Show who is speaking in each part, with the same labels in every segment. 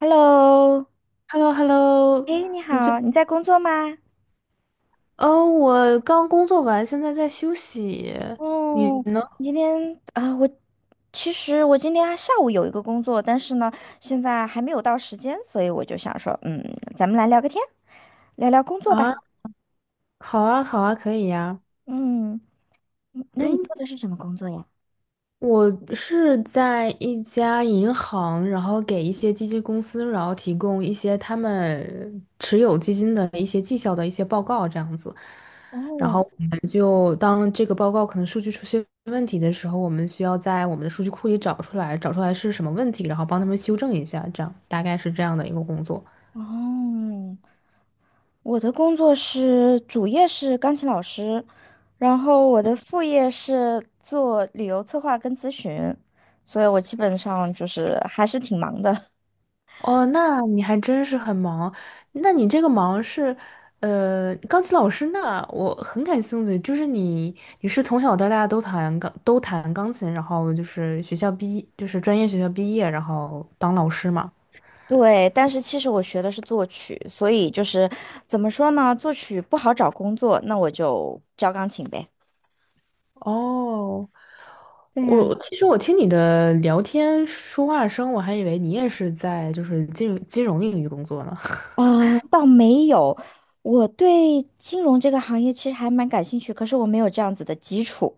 Speaker 1: Hello，
Speaker 2: h e l l o h e l l o
Speaker 1: 哎，你
Speaker 2: 你这，
Speaker 1: 好，你在工作吗？
Speaker 2: 哦，我刚工作完，现在在休息。你
Speaker 1: 哦，
Speaker 2: 呢？
Speaker 1: 你今天啊，其实我今天下午有一个工作，但是呢，现在还没有到时间，所以我就想说，咱们来聊个天，聊聊工作
Speaker 2: 啊，
Speaker 1: 吧。
Speaker 2: 好啊，好啊，可以呀。
Speaker 1: 嗯，那你
Speaker 2: 嗯，
Speaker 1: 做的是什么工作呀？
Speaker 2: 我是在一家银行，然后给一些基金公司，然后提供一些他们持有基金的一些绩效的一些报告，这样子。然后
Speaker 1: 哦，
Speaker 2: 我们就当这个报告可能数据出现问题的时候，我们需要在我们的数据库里找出来是什么问题，然后帮他们修正一下，这样大概是这样的一个工作。
Speaker 1: 哦，我的工作是主业是钢琴老师，然后我的副业是做旅游策划跟咨询，所以我基本上就是还是挺忙的。
Speaker 2: 哦，那你还真是很忙。那你这个忙是，钢琴老师那我很感兴趣，就是你是从小到大都弹钢琴，然后就是学校毕就是专业学校毕业，然后当老师嘛。
Speaker 1: 对，但是其实我学的是作曲，所以就是怎么说呢，作曲不好找工作，那我就教钢琴呗。
Speaker 2: 哦，
Speaker 1: 对呀，
Speaker 2: 我其实我听你的聊天说话声，我还以为你也是在就是金融领域工作呢。
Speaker 1: 啊，倒没有，我对金融这个行业其实还蛮感兴趣，可是我没有这样子的基础，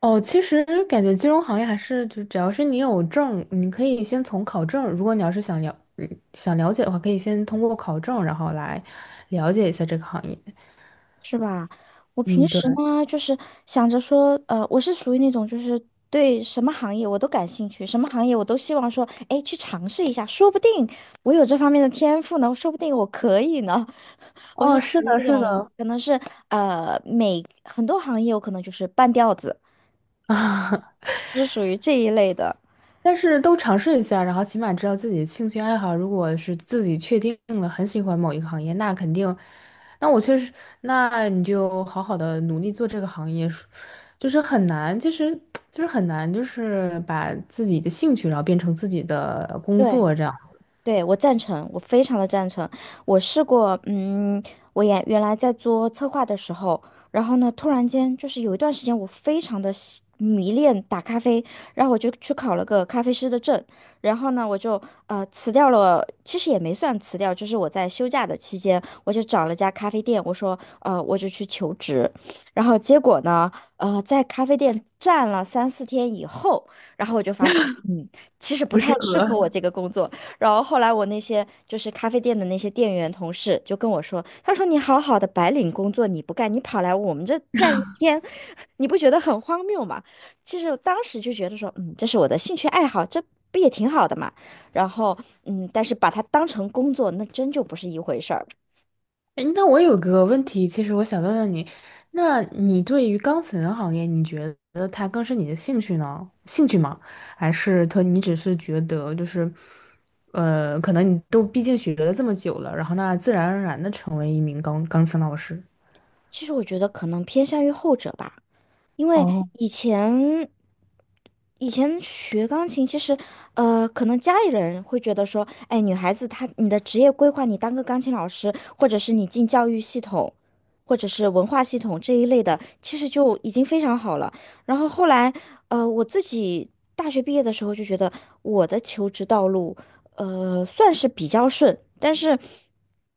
Speaker 2: 哦，其实感觉金融行业还是就只要是你有证，你可以先从考证。如果你要是想了解的话，可以先通过考证，然后来了解一下这个行业。
Speaker 1: 是吧？我平
Speaker 2: 嗯，
Speaker 1: 时
Speaker 2: 对。
Speaker 1: 呢，就是想着说，我是属于那种就是对什么行业我都感兴趣，什么行业我都希望说，哎，去尝试一下，说不定我有这方面的天赋呢，说不定我可以呢。我是
Speaker 2: 哦，
Speaker 1: 属
Speaker 2: 是
Speaker 1: 于
Speaker 2: 的，
Speaker 1: 这
Speaker 2: 是
Speaker 1: 种，
Speaker 2: 的。
Speaker 1: 可能是很多行业我可能就是半吊子，是属于这一类的。
Speaker 2: 但是都尝试一下，然后起码知道自己的兴趣爱好。如果是自己确定了很喜欢某一个行业，那肯定，那我确实，那你就好好的努力做这个行业，就是很难，其实就是很难，就是把自己的兴趣然后变成自己的工
Speaker 1: 对，
Speaker 2: 作这样。
Speaker 1: 对，我赞成，我非常的赞成。我试过，我也原来在做策划的时候，然后呢，突然间就是有一段时间，我非常的迷恋打咖啡，然后我就去考了个咖啡师的证，然后呢，我就辞掉了，其实也没算辞掉，就是我在休假的期间，我就找了家咖啡店，我说，我就去求职，然后结果呢，在咖啡店站了三四天以后，然后我就发现，其实不太适合我这个工作。然后后来我那些就是咖啡店的那些店员同事就跟我说，他说你好好的白领工作你不干，你跑来我们这站一天，你不觉得很荒谬吗？其实我当时就觉得说，这是我的兴趣爱好，这不也挺好的嘛。然后，但是把它当成工作，那真就不是一回事儿。
Speaker 2: 诶那我有个问题，其实我想问问你，那你对于钢琴行业，你觉得它更是你的兴趣吗？还是它你只是觉得就是，可能你都毕竟学了这么久了，然后那自然而然的成为一名钢琴老师？
Speaker 1: 其实我觉得可能偏向于后者吧。因为
Speaker 2: 哦。
Speaker 1: 以前以前学钢琴，其实可能家里人会觉得说，哎，女孩子你的职业规划，你当个钢琴老师，或者是你进教育系统，或者是文化系统这一类的，其实就已经非常好了。然后后来，我自己大学毕业的时候就觉得我的求职道路，算是比较顺，但是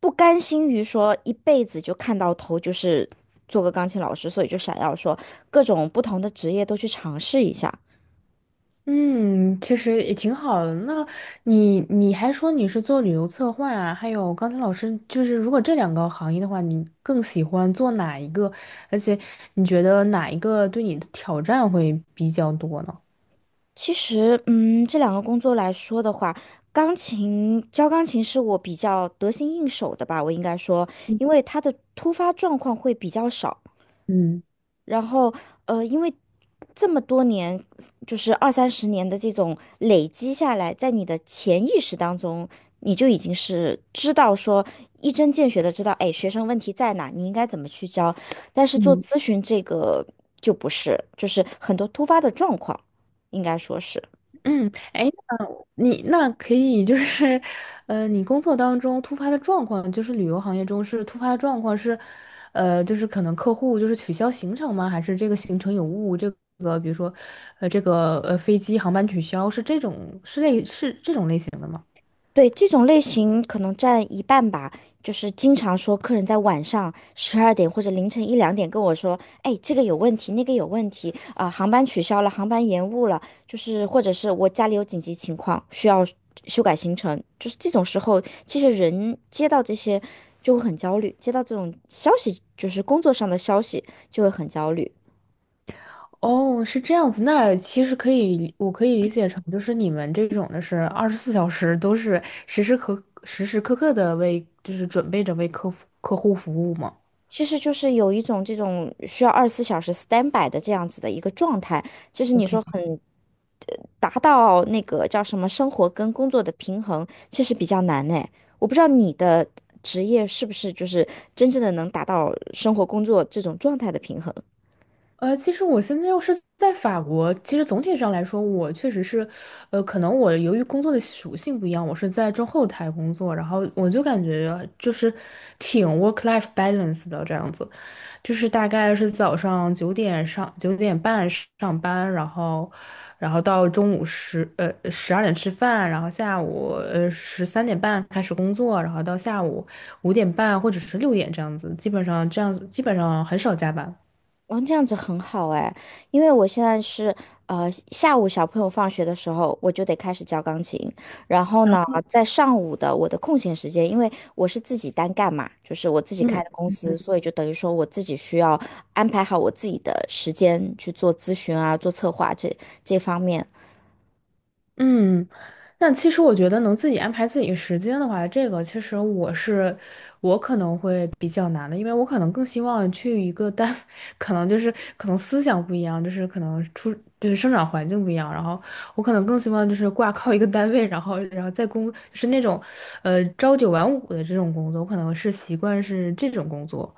Speaker 1: 不甘心于说一辈子就看到头就是做个钢琴老师，所以就想要说各种不同的职业都去尝试一下。
Speaker 2: 嗯，其实也挺好的。那你还说你是做旅游策划啊，还有刚才老师就是，如果这两个行业的话，你更喜欢做哪一个？而且你觉得哪一个对你的挑战会比较多呢？
Speaker 1: 其实，这两个工作来说的话，教钢琴是我比较得心应手的吧，我应该说，
Speaker 2: 嗯。
Speaker 1: 因为它的突发状况会比较少。
Speaker 2: 嗯。
Speaker 1: 然后因为这么多年，就是二三十年的这种累积下来，在你的潜意识当中，你就已经是知道说一针见血的知道，哎，学生问题在哪，你应该怎么去教。但是做咨询这个就不是，就是很多突发的状况，应该说是。
Speaker 2: 嗯，哎，那你那可以就是，你工作当中突发的状况，就是旅游行业中是突发的状况是，就是可能客户就是取消行程吗？还是这个行程有误？这个比如说，这个飞机航班取消是这种是类是这种类型的吗？
Speaker 1: 对，这种类型可能占一半吧，就是经常说客人在晚上12点或者凌晨一两点跟我说，哎，这个有问题，那个有问题，啊、航班取消了，航班延误了，就是或者是我家里有紧急情况需要修改行程，就是这种时候，其实人接到这些就会很焦虑，接到这种消息，就是工作上的消息就会很焦虑。
Speaker 2: 哦，是这样子，那其实可以理我可以理解成就是你们这种的是24小时都是时时刻刻的为就是准备着为客户服务吗
Speaker 1: 其实就是有一种这种需要24小时 standby 的这样子的一个状态，就是你说
Speaker 2: ？OK。
Speaker 1: 很达到那个叫什么生活跟工作的平衡，其实比较难呢。我不知道你的职业是不是就是真正的能达到生活工作这种状态的平衡。
Speaker 2: 其实我现在又是在法国，其实总体上来说，我确实是，可能我由于工作的属性不一样，我是在中后台工作，然后我就感觉就是挺 work-life balance 的这样子，就是大概是早上9点半上班，然后到中午12点吃饭，然后下午13点半开始工作，然后到下午5点半或者是6点这样子，基本上这样子基本上很少加班。
Speaker 1: 哦，这样子很好哎，因为我现在下午小朋友放学的时候，我就得开始教钢琴，然后呢，在上午的我的空闲时间，因为我是自己单干嘛，就是我自己开的
Speaker 2: 嗯，
Speaker 1: 公司，所以就等于说我自己需要安排好我自己的时间去做咨询啊，做策划这方面，
Speaker 2: 嗯，那其实我觉得能自己安排自己的时间的话，这个其实我可能会比较难的，因为我可能更希望去一个单，可能就是可能思想不一样，就是可能就是生长环境不一样，然后我可能更希望就是挂靠一个单位，然后就是那种朝九晚五的这种工作，我可能是习惯是这种工作。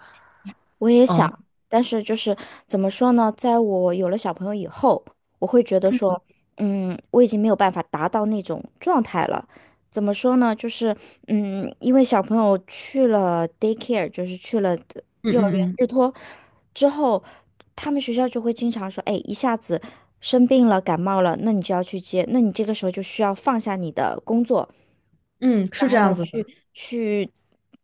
Speaker 1: 我也
Speaker 2: 嗯
Speaker 1: 想，但是就是怎么说呢，在我有了小朋友以后，我会觉得说，我已经没有办法达到那种状态了。怎么说呢，就是因为小朋友去了 daycare，就是去了
Speaker 2: 嗯
Speaker 1: 幼儿园
Speaker 2: 嗯嗯
Speaker 1: 日托之后，他们学校就会经常说，哎，一下子生病了，感冒了，那你就要去接，那你这个时候就需要放下你的工作。
Speaker 2: 嗯，是
Speaker 1: 然
Speaker 2: 这
Speaker 1: 后
Speaker 2: 样
Speaker 1: 呢，
Speaker 2: 子
Speaker 1: 去
Speaker 2: 的。
Speaker 1: 去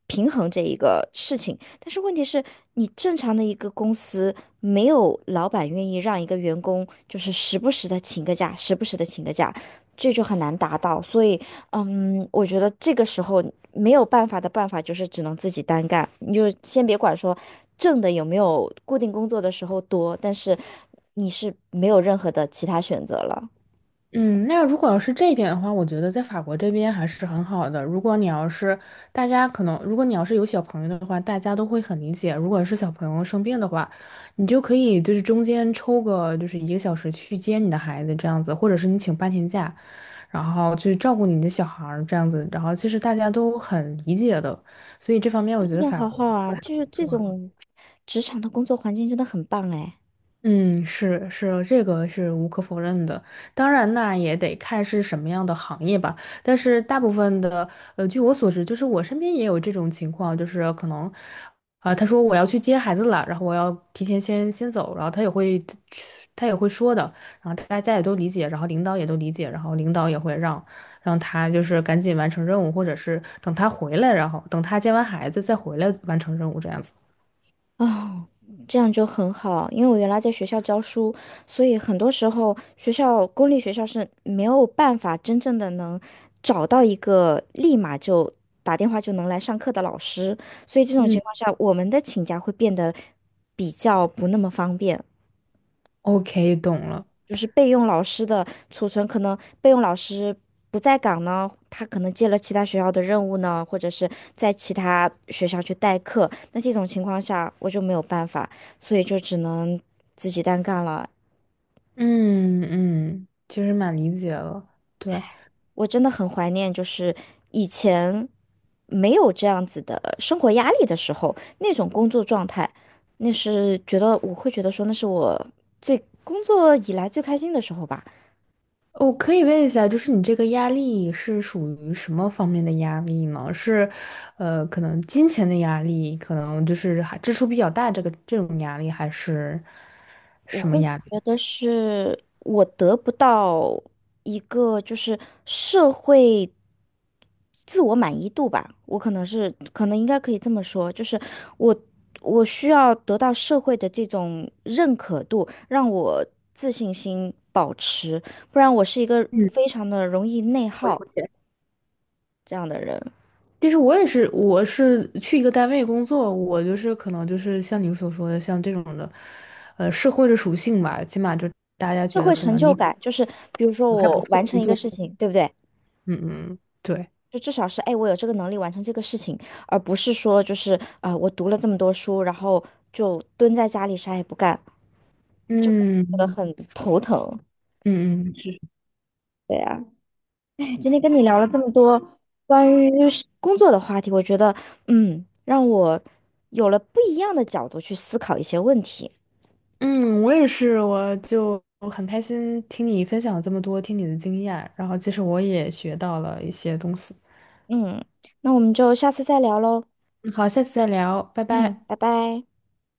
Speaker 1: 平衡这一个事情。但是问题是，你正常的一个公司，没有老板愿意让一个员工就是时不时的请个假，时不时的请个假，这就很难达到。所以，我觉得这个时候没有办法的办法就是只能自己单干。你就先别管说挣的有没有固定工作的时候多，但是你是没有任何的其他选择了。
Speaker 2: 嗯，那如果要是这一点的话，我觉得在法国这边还是很好的。如果你要是有小朋友的话，大家都会很理解。如果是小朋友生病的话，你就可以就是中间抽个就是1个小时去接你的孩子这样子，或者是你请半天假，然后去照顾你的小孩儿这样子。然后其实大家都很理解的，所以这方面我觉
Speaker 1: 这
Speaker 2: 得
Speaker 1: 种
Speaker 2: 法
Speaker 1: 好
Speaker 2: 国。
Speaker 1: 好啊，就是这种职场的工作环境真的很棒哎。
Speaker 2: 嗯，是是，这个是无可否认的。当然，那也得看是什么样的行业吧。但是大部分的，据我所知，就是我身边也有这种情况，就是可能，啊、他说我要去接孩子了，然后我要提前先走，然后他也会说的，然后大家也都理解，然后领导也都理解，然后领导也会让他就是赶紧完成任务，或者是等他回来，然后等他接完孩子再回来完成任务这样子。
Speaker 1: 哦，这样就很好，因为我原来在学校教书，所以很多时候公立学校是没有办法真正的能找到一个立马就打电话就能来上课的老师，所以这种
Speaker 2: 嗯
Speaker 1: 情况下，我们的请假会变得比较不那么方便。
Speaker 2: ，OK，懂了。
Speaker 1: 就是备用老师的储存，可能备用老师不在岗呢，他可能接了其他学校的任务呢，或者是在其他学校去代课。那这种情况下，我就没有办法，所以就只能自己单干了。
Speaker 2: 嗯嗯，其实蛮理解了。对，
Speaker 1: 我真的很怀念，就是以前没有这样子的生活压力的时候，那种工作状态，那是觉得我会觉得说，那是我工作以来最开心的时候吧。
Speaker 2: 我可以问一下，就是你这个压力是属于什么方面的压力呢？是，可能金钱的压力，可能就是还支出比较大，这个这种压力，还是
Speaker 1: 我
Speaker 2: 什么
Speaker 1: 会
Speaker 2: 压
Speaker 1: 觉
Speaker 2: 力？
Speaker 1: 得是我得不到一个就是社会自我满意度吧，我可能应该可以这么说，就是我我需要得到社会的这种认可度，让我自信心保持，不然我是一个
Speaker 2: 嗯，
Speaker 1: 非常的容易内
Speaker 2: 我
Speaker 1: 耗
Speaker 2: 理解。
Speaker 1: 这样的人，
Speaker 2: 其实我也是，我是去一个单位工作，我就是可能就是像你所说的，像这种的，社会的属性吧，起码就大家
Speaker 1: 社
Speaker 2: 觉得
Speaker 1: 会
Speaker 2: 可
Speaker 1: 成
Speaker 2: 能
Speaker 1: 就
Speaker 2: 你
Speaker 1: 感就是比如说
Speaker 2: 还不
Speaker 1: 我
Speaker 2: 错
Speaker 1: 完
Speaker 2: 的工
Speaker 1: 成一个
Speaker 2: 作，
Speaker 1: 事情，对不对？
Speaker 2: 嗯嗯，对，
Speaker 1: 就至少是，哎，我有这个能力完成这个事情，而不是说就是啊、我读了这么多书，然后就蹲在家里啥也不干，觉得
Speaker 2: 嗯。
Speaker 1: 很头疼。
Speaker 2: 嗯嗯
Speaker 1: 对呀、哎，今天跟你聊了这么多关于是工作的话题，我觉得，让我有了不一样的角度去思考一些问题。
Speaker 2: 嗯，我也是，我就很开心听你分享了这么多，听你的经验，然后其实我也学到了一些东西。
Speaker 1: 嗯，那我们就下次再聊喽。
Speaker 2: 嗯好，下次再聊，拜
Speaker 1: 嗯，
Speaker 2: 拜。
Speaker 1: 拜拜。